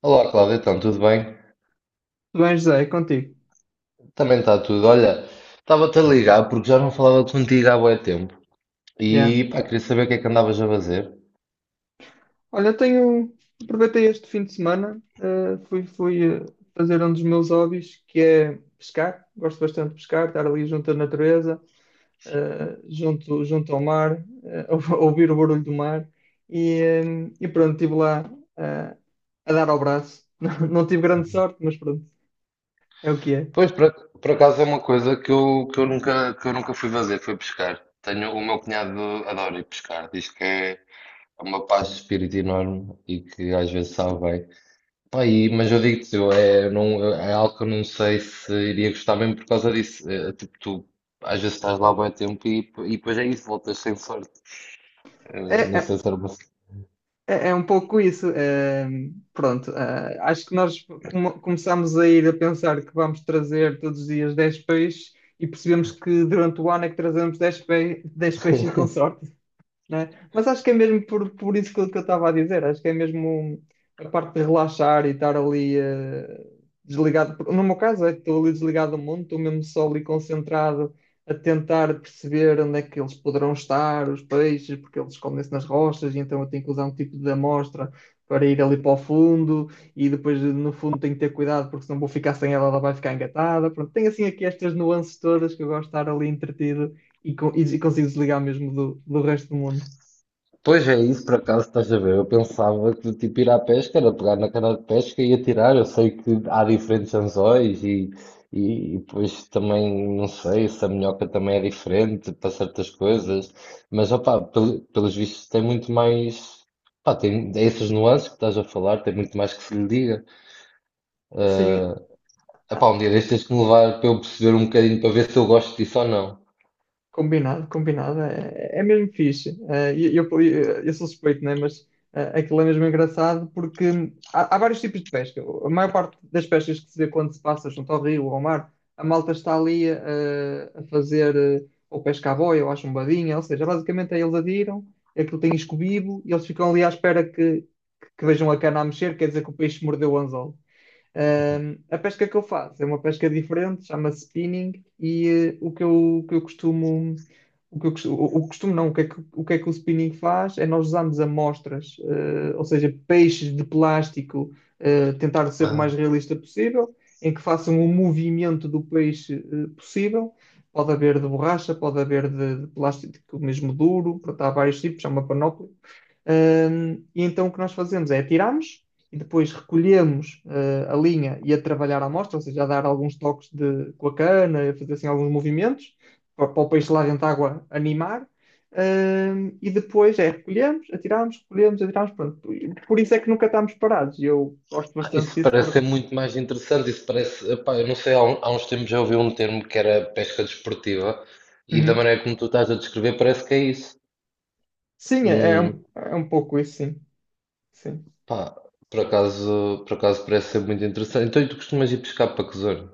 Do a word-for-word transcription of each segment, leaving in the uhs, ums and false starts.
Olá, Cláudia, então, tudo bem? Tudo bem, José, é contigo. Também está tudo. Olha, estava-te a ligar porque já não falava contigo há bué tempo Yeah. e pá, queria saber o que é que andavas a fazer. Olha, tenho. Aproveitei este fim de semana, eh, fui, fui eh, fazer um dos meus hobbies, que é pescar. Gosto bastante de pescar, estar ali junto à natureza, eh, junto, junto ao mar, eh, ouvir o barulho do mar. E, eh, e pronto, estive lá, eh, a dar ao braço. Não, tive grande sorte, mas pronto, é o que é. Pois, por, ac- por acaso é uma coisa que eu, que eu nunca, que eu nunca fui fazer, foi pescar. Tenho, o meu cunhado adora ir pescar, diz que é uma paz de espírito enorme e que às vezes sabe bem. Pá, e- mas eu digo-te, eu- é, não, é algo que eu não sei se iria gostar mesmo por causa disso. É, é tipo, tu às vezes estás lá há bué tempo e, e depois é isso, voltas sem sorte. É, Eh, Não sei é. se era uma. É, é um pouco isso. Eh, pronto, eh, acho que nós come- começámos a ir a pensar que vamos trazer todos os dias dez peixes, e percebemos que durante o ano é que trazemos dez pe dez peixes e consorte, não é? Mas acho que é mesmo por, por isso que eu que eu estava a dizer. Acho que é mesmo a parte de relaxar e estar ali eh, desligado. No meu caso, é que estou ali desligado do mundo, estou mesmo só ali concentrado a tentar perceber onde é que eles poderão estar, os peixes, porque eles escondem-se nas rochas, e então eu tenho que usar um tipo de amostra para ir ali para o fundo, e depois no fundo tenho que ter cuidado, porque senão vou ficar sem ela, ela vai ficar engatada. Pronto, tem assim aqui estas nuances todas que eu gosto de estar ali entretido, e co- e consigo desligar mesmo do, do resto do mundo. Pois é, isso por acaso estás a ver? Eu pensava que tipo ir à pesca era pegar na cana de pesca e atirar. Eu sei que há diferentes anzóis e, e, e depois também não sei se a minhoca também é diferente para certas coisas, mas opá, pel- pelos vistos tem muito mais. Pá, tem essas nuances que estás a falar, tem muito mais que se lhe diga. Sim, Ah, ah, epá, um dia deixas-me levar para eu perceber um bocadinho para ver se eu gosto disso ou não. combinado, combinado. É, é mesmo fixe. É, e eu, eu, eu sou suspeito, né? Mas é, aquilo é mesmo engraçado porque há, há vários tipos de pesca. A maior parte das pescas que se vê quando se passa junto ao rio ou ao mar, a malta está ali, eh, a, fazer eh, ou pesca à boia ou à chumbadinha, ou seja, basicamente é eles adiram, aquilo tem escobibo e eles ficam ali à espera que, que vejam a cana a mexer, quer dizer que o peixe mordeu o anzol. Ahm, a pesca que eu faço é uma pesca diferente, chama-se spinning. E eh, o que eu, o que eu costumo, o que eu costumo, o, o costumo, não, o que é que, o que é que o spinning faz é: nós usamos amostras, eh, ou seja, peixes de plástico, eh, tentar ser o mais realista possível, em que façam o movimento do peixe, eh, possível. Pode haver de borracha, pode haver de, de plástico mesmo duro. Portanto, há vários tipos, é uma panóplia. Ahm, e então o que nós fazemos é: atiramos e depois recolhemos eh, a linha e a trabalhar a amostra, ou seja, a dar alguns toques de, com a cana, a fazer assim alguns movimentos para, para o peixe lá dentro da água animar. Ahm, e depois é recolhemos, atiramos, recolhemos, atiramos, pronto. Por isso é que nunca estamos parados. E eu gosto bastante Isso disso. parece Por... ser muito mais interessante. Isso parece, epá, eu não sei, há, um- há uns tempos já ouvi um termo que era pesca desportiva e da Uhum. maneira como tu estás a descrever parece que é isso. Sim, é, é um, Hum, é um pouco isso, sim. Sim. pá, por acaso, por acaso parece ser muito interessante. Então, e tu costumas ir pescar para que zona?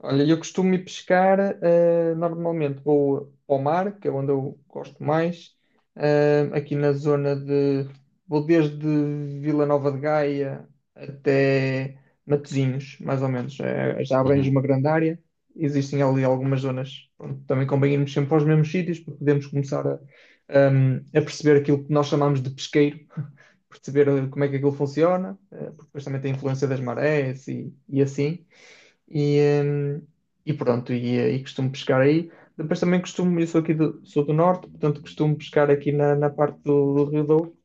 Olha, eu costumo ir pescar. Eh, normalmente vou ao mar, que é onde eu gosto mais, eh, aqui na zona de. Vou desde Vila Nova de Gaia até Matosinhos, mais ou menos. Eh, já abrange uma Uhum. grande área. Existem ali algumas zonas. Pronto, também convém irmos sempre aos mesmos sítios para podermos começar a, ehm, a perceber aquilo que nós chamamos de pesqueiro, perceber eh, como é que aquilo funciona, eh, porque depois também tem a influência das marés e, e assim. E, hum, e pronto, e, eh, e costumo pescar aí. Depois também costumo, eu sou aqui do, sou do norte, portanto costumo pescar aqui na, na parte do, do Rio Douro,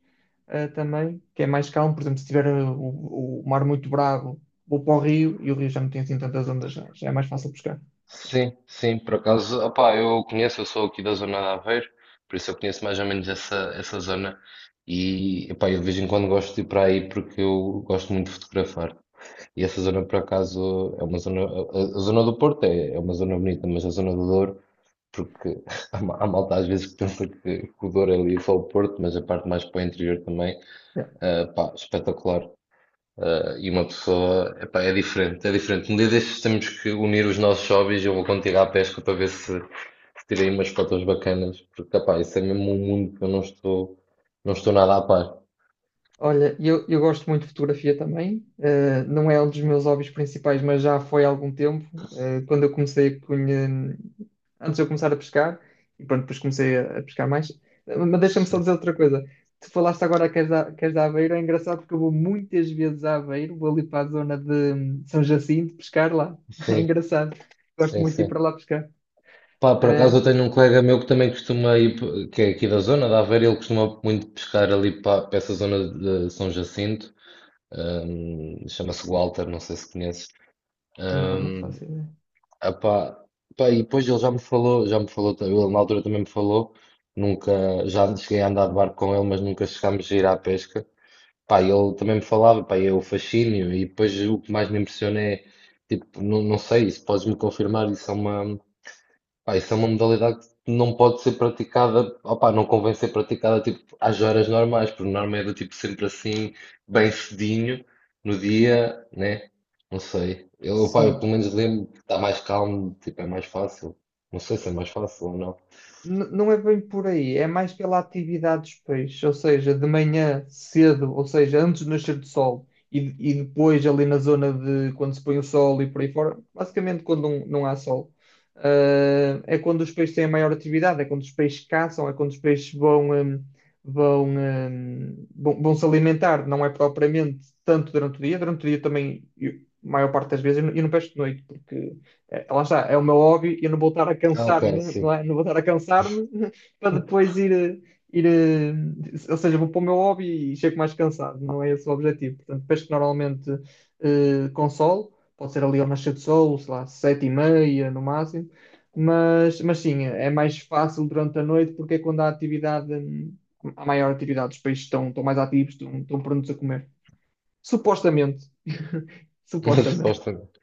eh, também, que é mais calmo. Por exemplo, se tiver eh, o, o mar muito bravo, vou para o rio, e o rio já não tem assim tantas ondas, já, já é mais fácil pescar. Sim, sim, por acaso, opá, eu conheço, eu sou aqui da zona de Aveiro, por isso eu conheço mais ou menos essa, essa zona e, opá, eu de vez em quando gosto de ir para aí porque eu gosto muito de fotografar. E essa zona, por acaso, é uma zona. A, a- a zona do Porto é, é uma zona bonita, mas a zona do Douro, porque há, ma- há malta às vezes que pensa que, que o Douro é ali só o Porto, mas a parte mais para o interior também, ah, pá, espetacular. Ah, e uma pessoa, epá, é diferente, é diferente. Um dia destes temos que unir os nossos hobbies. Eu vou contigo à pesca para ver se, se tirei umas fotos bacanas, porque, epá, isso é mesmo um mundo que eu não estou, não estou nada a par. Olha, eu, eu gosto muito de fotografia também. Eh, não é um dos meus hobbies principais, mas já foi há algum tempo. Eh, quando eu comecei a conhe- Antes de eu começar a pescar, e pronto, depois comecei a, a pescar mais. Eh, Mas deixa-me só dizer outra coisa. Tu falaste agora que és da, que és da Aveiro. É engraçado, porque eu vou muitas vezes a Aveiro, vou ali para a zona de hum, São Jacinto pescar lá. É Sim, engraçado. Gosto sim, muito de ir sim. para lá pescar. Pá, por acaso É, eu tenho um colega meu que também costuma ir, p- que é aqui da zona da Aveiro, ele costuma muito pescar ali para, para essa zona de São Jacinto, hum, chama-se Walter, não sei se conheces. não, não Hum, faço ideia. ah pá, pá, e depois ele já me falou, já me falou, ta- ele na altura também me falou, nunca, já cheguei a andar de barco com ele, mas nunca chegámos a ir à pesca. Pá, e ele também me falava, pá, e é o fascínio, e depois o que mais me impressiona é, tipo, não, não sei, se podes me confirmar, isso é uma. Pá, isso é uma modalidade que não pode ser praticada, opá, não convém ser praticada tipo, às horas normais, porque normalmente é do tipo sempre assim, bem cedinho, no dia, né? Não sei. Eu, opá, eu Sim. pelo menos lembro que está mais calmo, tipo, é mais fácil. Não sei se é mais fácil ou não. N- Não é bem por aí, é mais pela atividade dos peixes, ou seja, de manhã cedo, ou seja, antes do nascer do sol, e, e depois ali na zona de quando se põe o sol e por aí fora, basicamente quando não, não há sol. Ah, é quando os peixes têm a maior atividade, é quando os peixes caçam, é quando os peixes vão, hum, vão, hum, vão, vão se alimentar. Não é propriamente tanto durante o dia. Durante o dia também, eu- a maior parte das vezes, eu não eu não pesco de noite, porque é, lá está, é o meu hobby. Eu não vou estar a Ah, ok, cansar-me, sim. não é? Não vou estar a cansar-me para depois ir, eh, ir, eh, ou seja, vou para o meu hobby e chego mais cansado. Não é esse o objetivo. Portanto, pesco normalmente eh, com sol, pode ser ali ao nascer do sol, sei lá, sete e meia no máximo. Mas, mas sim, é mais fácil durante a noite porque é quando há atividade, hum, há maior atividade, os peixes estão, estão mais ativos, estão, estão prontos a comer. Supostamente. Supostamente. Supostamente.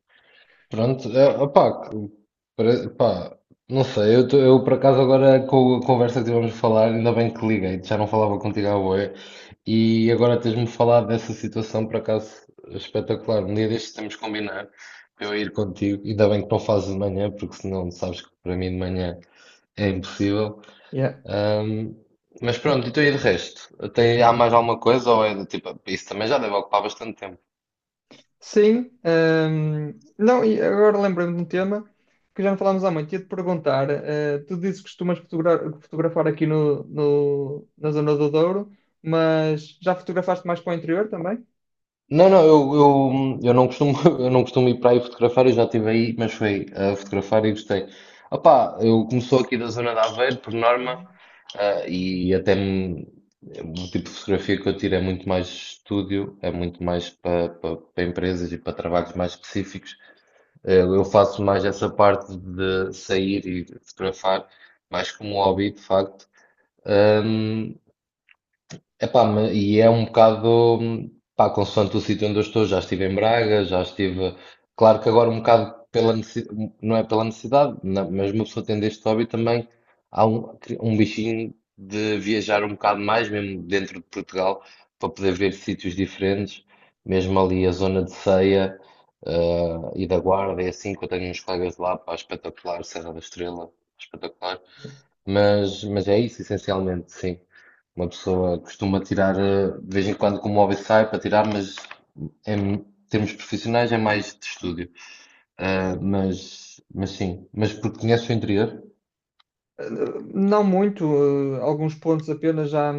Pronto, é, opá, pare- pá, não sei, eu, tô- eu por acaso agora com a conversa que tivemos a falar, ainda bem que liguei, já não falava contigo à boia, e agora tens-me falado dessa situação, por acaso espetacular. Um dia destes temos que combinar para eu ir contigo, ainda bem que não fazes de manhã, porque senão sabes que para mim de manhã é impossível. Yeah. Ahm, mas pronto, então e de resto? Tem, há mais alguma coisa ou é do tipo, isso também já deve ocupar bastante tempo? Sim, hum, não, e agora lembrei-me de um tema que já não falámos há muito. Ia-te perguntar: eh, tu dizes que costumas fotogra- fotografar aqui no, no- na zona do Douro, mas já fotografaste mais para o interior também? Não, não, eu, eu, eu não costumo, eu não costumo ir para aí fotografar, eu já estive aí, mas foi a fotografar e gostei. Opá, eu começou aqui da zona de Aveiro, por norma, Uhum. ah, e até me- o tipo de fotografia que eu tiro é muito mais estúdio, é muito mais para pa, para empresas e para trabalhos mais específicos. Eh, Eu faço mais essa parte de sair e fotografar, mais como hobby, de facto. Epá, ma- e é um bocado, pá, consoante o sítio onde eu estou, já estive em Braga, já estive, claro que agora um bocado pela necessidade, não é pela necessidade, não, mas uma pessoa tendo este hobby também, há um, um bichinho de viajar um bocado mais, mesmo dentro de Portugal, para poder ver sítios diferentes, mesmo ali a zona de Ceia, eh, e da Guarda, é assim que eu tenho uns colegas de lá, pá, espetacular, Serra da Estrela, espetacular. Mas, mas é isso, essencialmente, sim. Uma pessoa costuma tirar, eh, de vez em quando, como hobby sai para tirar, mas em termos profissionais é mais de estúdio. Ah, mas, mas sim, mas porque conheces o interior? Não muito, eh, alguns pontos apenas já,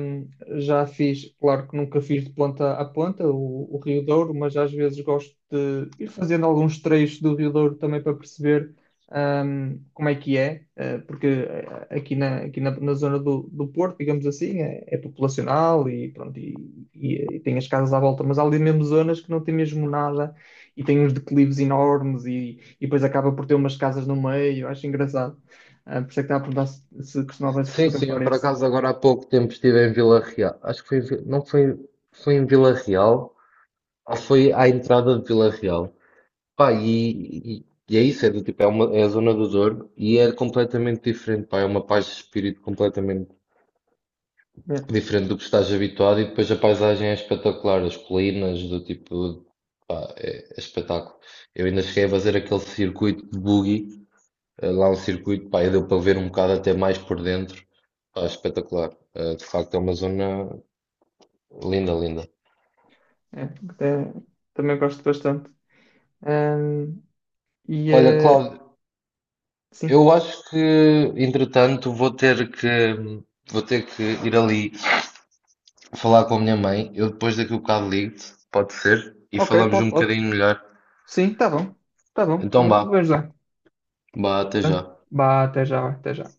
já fiz. Claro que nunca fiz de ponta a ponta o, o Rio Douro, mas às vezes gosto de ir fazendo alguns trechos do Rio Douro também para perceber ahm, como é que é, eh, porque eh, aqui na, aqui na, na zona do, do Porto, digamos assim, é, é populacional, e pronto, e, e- e tem as casas à volta, mas há ali mesmo zonas que não tem mesmo nada, e tem uns declives enormes, e, e depois acaba por ter umas casas no meio. Acho engraçado. Ah, por isso é que estava a perguntar se, se costumavas Sim, sim, fotografar eu por esse. acaso agora há pouco tempo estive em Vila Real. Acho que foi, em Vi- não foi, foi em Vila Real, ou foi à entrada de Vila Real. Pá, e, e- e é isso, é do tipo, é, uma, é a zona do Douro e é completamente diferente, pá, é uma paz de espírito completamente É, diferente do que estás habituado e depois a paisagem é espetacular, as colinas do tipo, pá, é, é espetáculo. Eu ainda cheguei a fazer aquele circuito de buggy, eh, lá um circuito, pá, e deu para ver um bocado até mais por dentro, pá, espetacular. Eh, de facto é uma zona linda, linda. é, até- também gosto bastante. Ahm, e Olha, eh, Cláudio, sim. eu acho que, entretanto, vou ter que, vou ter que ir ali falar com a minha mãe. Eu depois daqui a bocado ligo-te, pode ser, e Ok, falamos pode, um pode. bocadinho melhor. Sim, tá bom. Tá bom, por Então mim vá, tudo bem já. vá, até Então, já. vá, até já, até já.